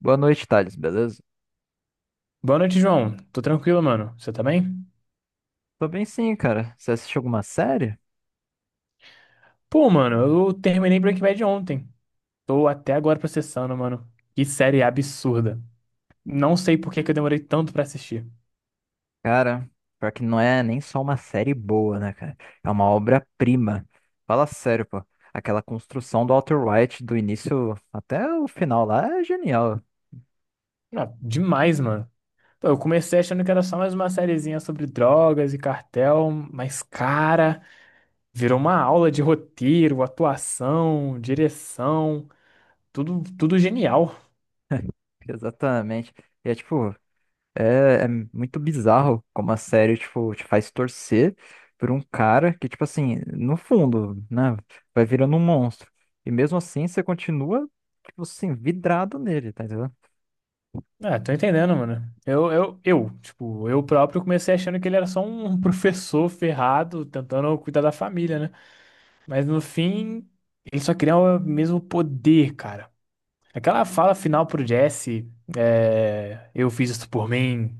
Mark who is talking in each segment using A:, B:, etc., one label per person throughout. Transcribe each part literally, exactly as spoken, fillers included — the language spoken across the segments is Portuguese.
A: Boa noite, Thales, beleza?
B: Boa noite, João. Tô tranquilo, mano. Você tá bem?
A: Tô bem sim, cara. Você assistiu alguma série?
B: Pô, mano, eu terminei Breaking Bad ontem. Tô até agora processando, mano. Que série absurda. Não sei por que que eu demorei tanto pra assistir.
A: Cara, pior que não é nem só uma série boa, né, cara? É uma obra-prima. Fala sério, pô. Aquela construção do Walter White do início até o final lá é genial.
B: Não, demais, mano. Pô, eu comecei achando que era só mais uma sériezinha sobre drogas e cartel, mas, cara, virou uma aula de roteiro, atuação, direção, tudo, tudo genial.
A: Exatamente. E é tipo, É, é muito bizarro como a série, tipo, te faz torcer por um cara que, tipo assim, no fundo, né, vai virando um monstro. E mesmo assim, você continua, tipo assim, vidrado nele, tá entendendo?
B: Ah, tô entendendo, mano. Eu, eu, eu, tipo, eu próprio comecei achando que ele era só um professor ferrado tentando cuidar da família, né? Mas no fim, ele só queria o mesmo poder, cara. Aquela fala final pro Jesse, é, eu fiz isso por mim,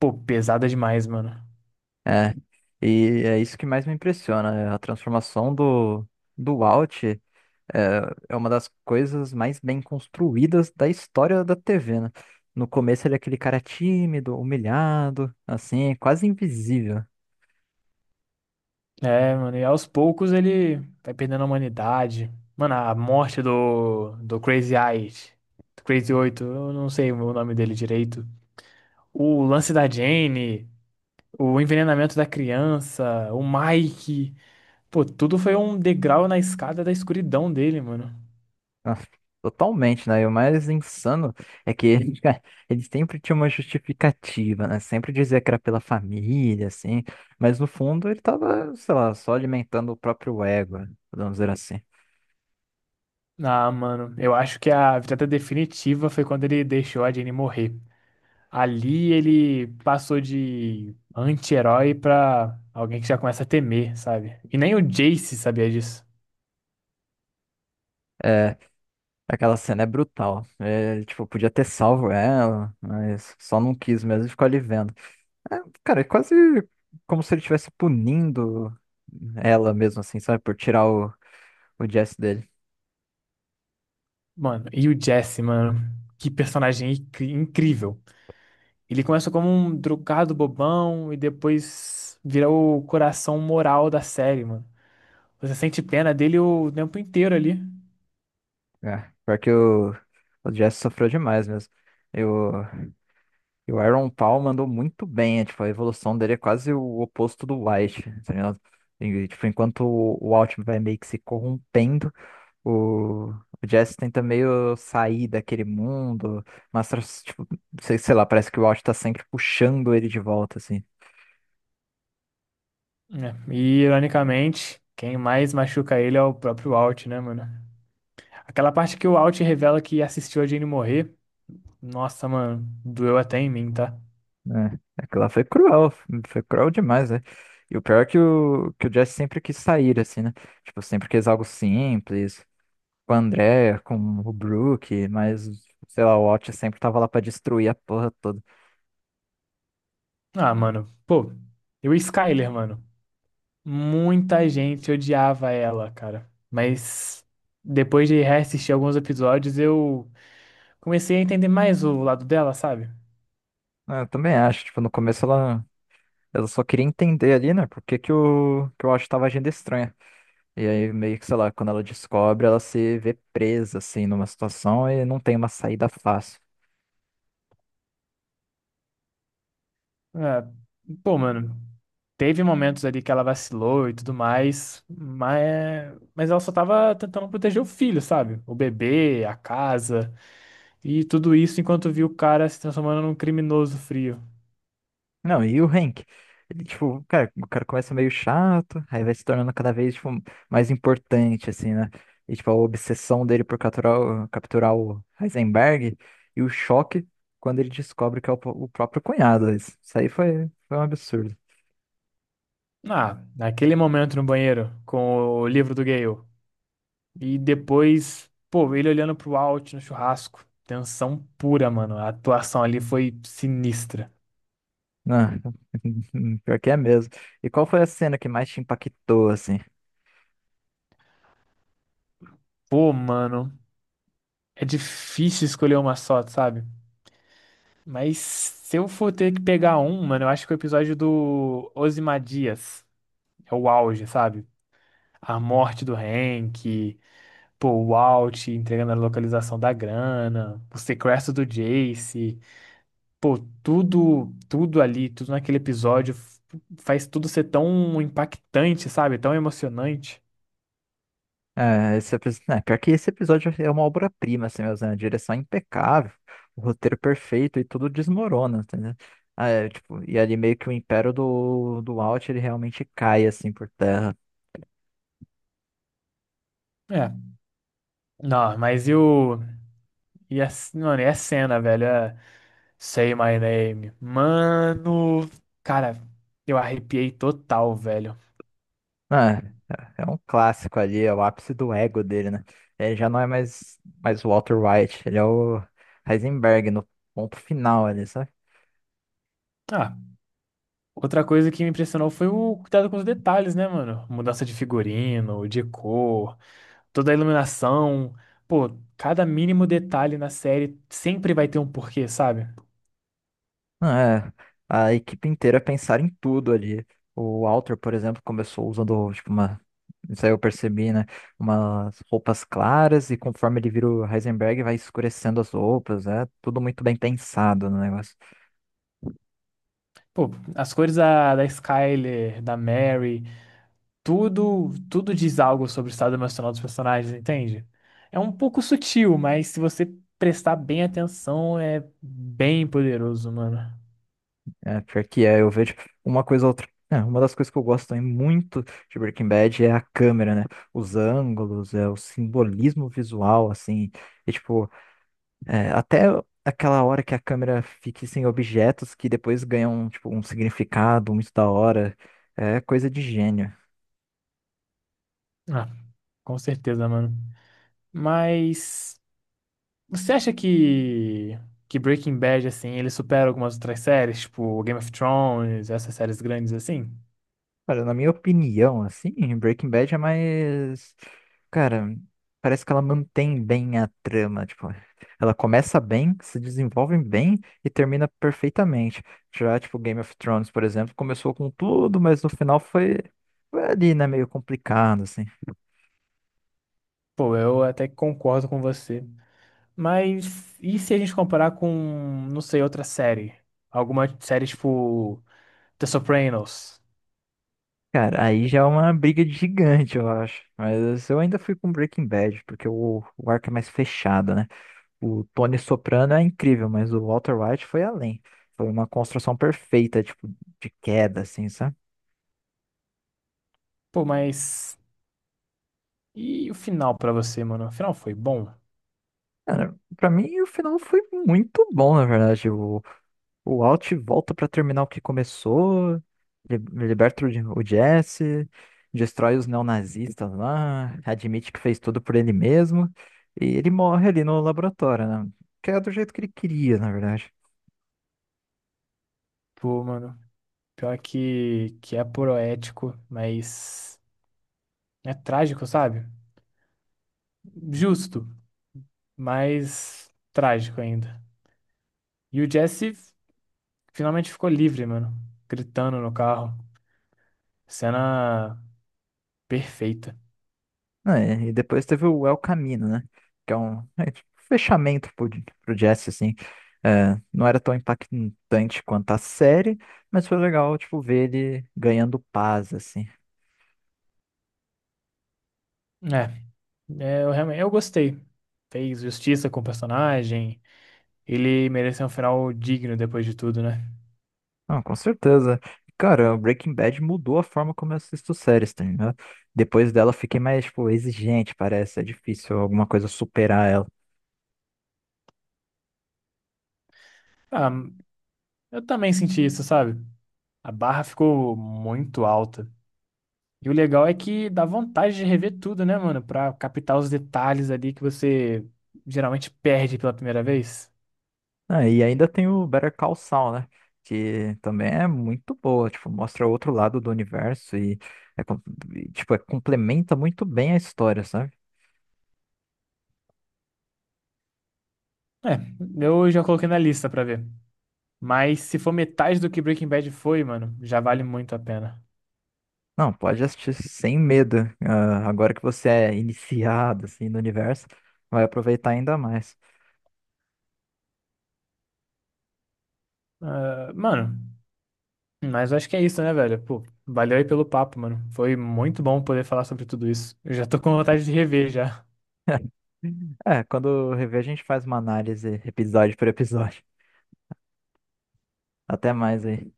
B: pô, pesada demais, mano.
A: É, e é isso que mais me impressiona, é a transformação do, do Walt é, é uma das coisas mais bem construídas da história da T V, né? No começo ele é aquele cara tímido, humilhado, assim, quase invisível.
B: É, mano, e aos poucos ele vai perdendo a humanidade. Mano, a morte do, do Crazy Eight, do Crazy Oito, eu não sei o nome dele direito. O lance da Jane, o envenenamento da criança, o Mike. Pô, tudo foi um degrau na escada da escuridão dele, mano.
A: Nossa, totalmente, né? E o mais insano é que eles, eles sempre tinham uma justificativa, né? Sempre dizia que era pela família, assim, mas no fundo ele tava, sei lá, só alimentando o próprio ego, né? Podemos dizer assim.
B: Ah, mano, eu acho que a virada definitiva foi quando ele deixou a Jenny morrer. Ali ele passou de anti-herói pra alguém que já começa a temer, sabe? E nem o Jace sabia disso.
A: É, aquela cena é brutal. É, ele, tipo, podia ter salvo ela, mas só não quis mesmo e ficou ali vendo. É, cara, é quase como se ele estivesse punindo ela mesmo, assim, sabe? Por tirar o, o Jesse dele.
B: Mano, e o Jesse, mano, que personagem incri- incrível. Ele começa como um drogado bobão e depois vira o coração moral da série, mano. Você sente pena dele o tempo inteiro ali.
A: É, pior que o, o Jazz sofreu demais mesmo. E o, e o Aaron Paul mandou muito bem, é, tipo, a evolução dele é quase o oposto do White, tá ligado? E, tipo, enquanto o, o Altman vai meio que se corrompendo, o, o Jazz tenta meio sair daquele mundo, mas, tipo, sei, sei lá, parece que o Alt tá sempre puxando ele de volta, assim.
B: Né? E, ironicamente, quem mais machuca ele é o próprio Walt, né, mano? Aquela parte que o Walt revela que assistiu a Jane morrer. Nossa, mano, doeu até em mim, tá?
A: É, aquela foi cruel, foi cruel demais, né? E o pior é que o, que o Jesse sempre quis sair, assim, né? Tipo, sempre quis algo simples, com o André, com o Brook, mas, sei lá, o Watch sempre tava lá pra destruir a porra toda.
B: Ah, mano, pô, e o Skyler, mano? Muita gente odiava ela, cara. Mas depois de reassistir alguns episódios, eu comecei a entender mais o lado dela, sabe?
A: Ah, eu também acho, tipo, no começo ela, ela só queria entender ali, né? Por que que o, que o Watch tava agindo estranho. E aí, meio que, sei lá, quando ela descobre, ela se vê presa, assim, numa situação e não tem uma saída fácil.
B: É, pô, mano, teve momentos ali que ela vacilou e tudo mais, mas, mas ela só tava tentando proteger o filho, sabe? O bebê, a casa e tudo isso enquanto viu o cara se transformando num criminoso frio.
A: Não, e o Hank? Ele, tipo, cara, o cara começa meio chato, aí vai se tornando cada vez, tipo, mais importante, assim, né? E, tipo, a obsessão dele por capturar, o- capturar o Heisenberg e o choque quando ele descobre que é o, po- o próprio cunhado. Isso isso aí foi, foi um absurdo.
B: Ah, naquele momento no banheiro com o livro do Gale. E depois, pô, ele olhando pro Walt no churrasco. Tensão pura, mano. A atuação ali foi sinistra.
A: Ah, pior que é mesmo. E qual foi a cena que mais te impactou, assim?
B: Pô, mano, é difícil escolher uma só, sabe? Mas se eu for ter que pegar um, mano, eu acho que o episódio do Ozymandias é o auge, sabe? A morte do Hank, pô, o Walt entregando a localização da grana, o sequestro do Jace, pô, tudo, tudo ali, tudo naquele episódio f- faz tudo ser tão impactante, sabe? Tão emocionante.
A: É, esse episódio, né, pior que esse episódio é uma obra-prima, assim mesmo, né? A direção é impecável, o roteiro perfeito e tudo desmorona, entendeu? Ah, é, tipo, e ali meio que o império do, do Walt, ele realmente cai, assim, por terra.
B: É, não, mas e o. E a, mano, e a cena, velho? É Say My Name. Mano, cara, eu arrepiei total, velho.
A: Ah, é é um clássico ali, é o ápice do ego dele, né? Ele já não é mais, mais o Walter White, ele é o Heisenberg no ponto final ali, sabe?
B: Ah, outra coisa que me impressionou foi o cuidado com os detalhes, né, mano? Mudança de figurino, de cor, toda a iluminação. Pô, cada mínimo detalhe na série sempre vai ter um porquê, sabe?
A: É, a equipe inteira é pensar em tudo ali. O Walter, por exemplo, começou usando, tipo, uma. Isso aí eu percebi, né? Umas roupas claras e conforme ele vira o Heisenberg, vai escurecendo as roupas. É tudo muito bem pensado no negócio.
B: Pô, as cores da, da Skyler, da Mary, tudo, tudo diz algo sobre o estado emocional dos personagens, entende? É um pouco sutil, mas se você prestar bem atenção, é bem poderoso, mano.
A: É, pior que é, eu vejo uma coisa ou outra. É, uma das coisas que eu gosto também muito de Breaking Bad é a câmera, né? Os ângulos, é, o simbolismo visual, assim. E, tipo, é, até aquela hora que a câmera fica sem objetos que depois ganham, tipo, um significado muito da hora. É coisa de gênio.
B: Ah, com certeza, mano. Mas você acha que que Breaking Bad assim, ele supera algumas outras séries, tipo Game of Thrones, essas séries grandes assim?
A: Olha, na minha opinião, assim, Breaking Bad é mais. Cara, parece que ela mantém bem a trama. Tipo, ela começa bem, se desenvolve bem e termina perfeitamente. Já, tipo, Game of Thrones, por exemplo, começou com tudo, mas no final foi, foi ali, né? Meio complicado, assim.
B: Pô, eu até que concordo com você. Mas e se a gente comparar com, não sei, outra série? Alguma série tipo The Sopranos?
A: Cara, aí já é uma briga de gigante, eu acho. Mas eu ainda fui com Breaking Bad, porque o, o arco é mais fechado, né? O Tony Soprano é incrível, mas o Walter White foi além. Foi uma construção perfeita, tipo, de queda, assim, sabe?
B: Pô, mas. E o final pra você, mano? O final foi bom?
A: Cara, pra mim o final foi muito bom, na verdade. O, o Alt volta pra terminar o que começou, li- liberta o, J- o Jesse, destrói os neonazistas lá, admite que fez tudo por ele mesmo, e ele morre ali no laboratório, né? Que é do jeito que ele queria, na verdade.
B: Pô, mano. Pior que, que é poético, mas. É trágico, sabe? Justo, mas trágico ainda. E o Jesse finalmente ficou livre, mano. Gritando no carro. Cena perfeita.
A: Não, é, e depois teve o El Camino, né? Que é um, é, tipo, um fechamento pro, pro Jesse, assim. É, não era tão impactante quanto a série, mas foi legal, tipo, ver ele ganhando paz, assim.
B: É, é, eu realmente eu gostei. Fez justiça com o personagem. Ele mereceu um final digno depois de tudo, né?
A: Não, com certeza. Cara, o Breaking Bad mudou a forma como eu assisto séries, tá ligado? Depois dela eu fiquei mais, tipo, exigente, parece. É difícil alguma coisa superar ela.
B: Ah, eu também senti isso, sabe? A barra ficou muito alta. E o legal é que dá vontade de rever tudo, né, mano? Pra captar os detalhes ali que você geralmente perde pela primeira vez.
A: Ah, e ainda tem o Better Call Saul, né? Que também é muito boa, tipo, mostra outro lado do universo e, é com- e, tipo, é- complementa muito bem a história, sabe?
B: É, eu já coloquei na lista pra ver. Mas se for metade do que Breaking Bad foi, mano, já vale muito a pena.
A: Não, pode assistir sem medo. Ah, agora que você é iniciado, assim, no universo, vai aproveitar ainda mais.
B: Ah, mano, mas eu acho que é isso, né, velho? Pô, valeu aí pelo papo, mano. Foi muito bom poder falar sobre tudo isso. Eu já tô com vontade de rever já.
A: É, quando rever, a gente faz uma análise episódio por episódio. Até mais aí.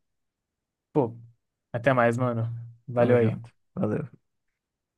B: Pô, até mais, mano.
A: Tamo
B: Valeu aí.
A: junto. Valeu.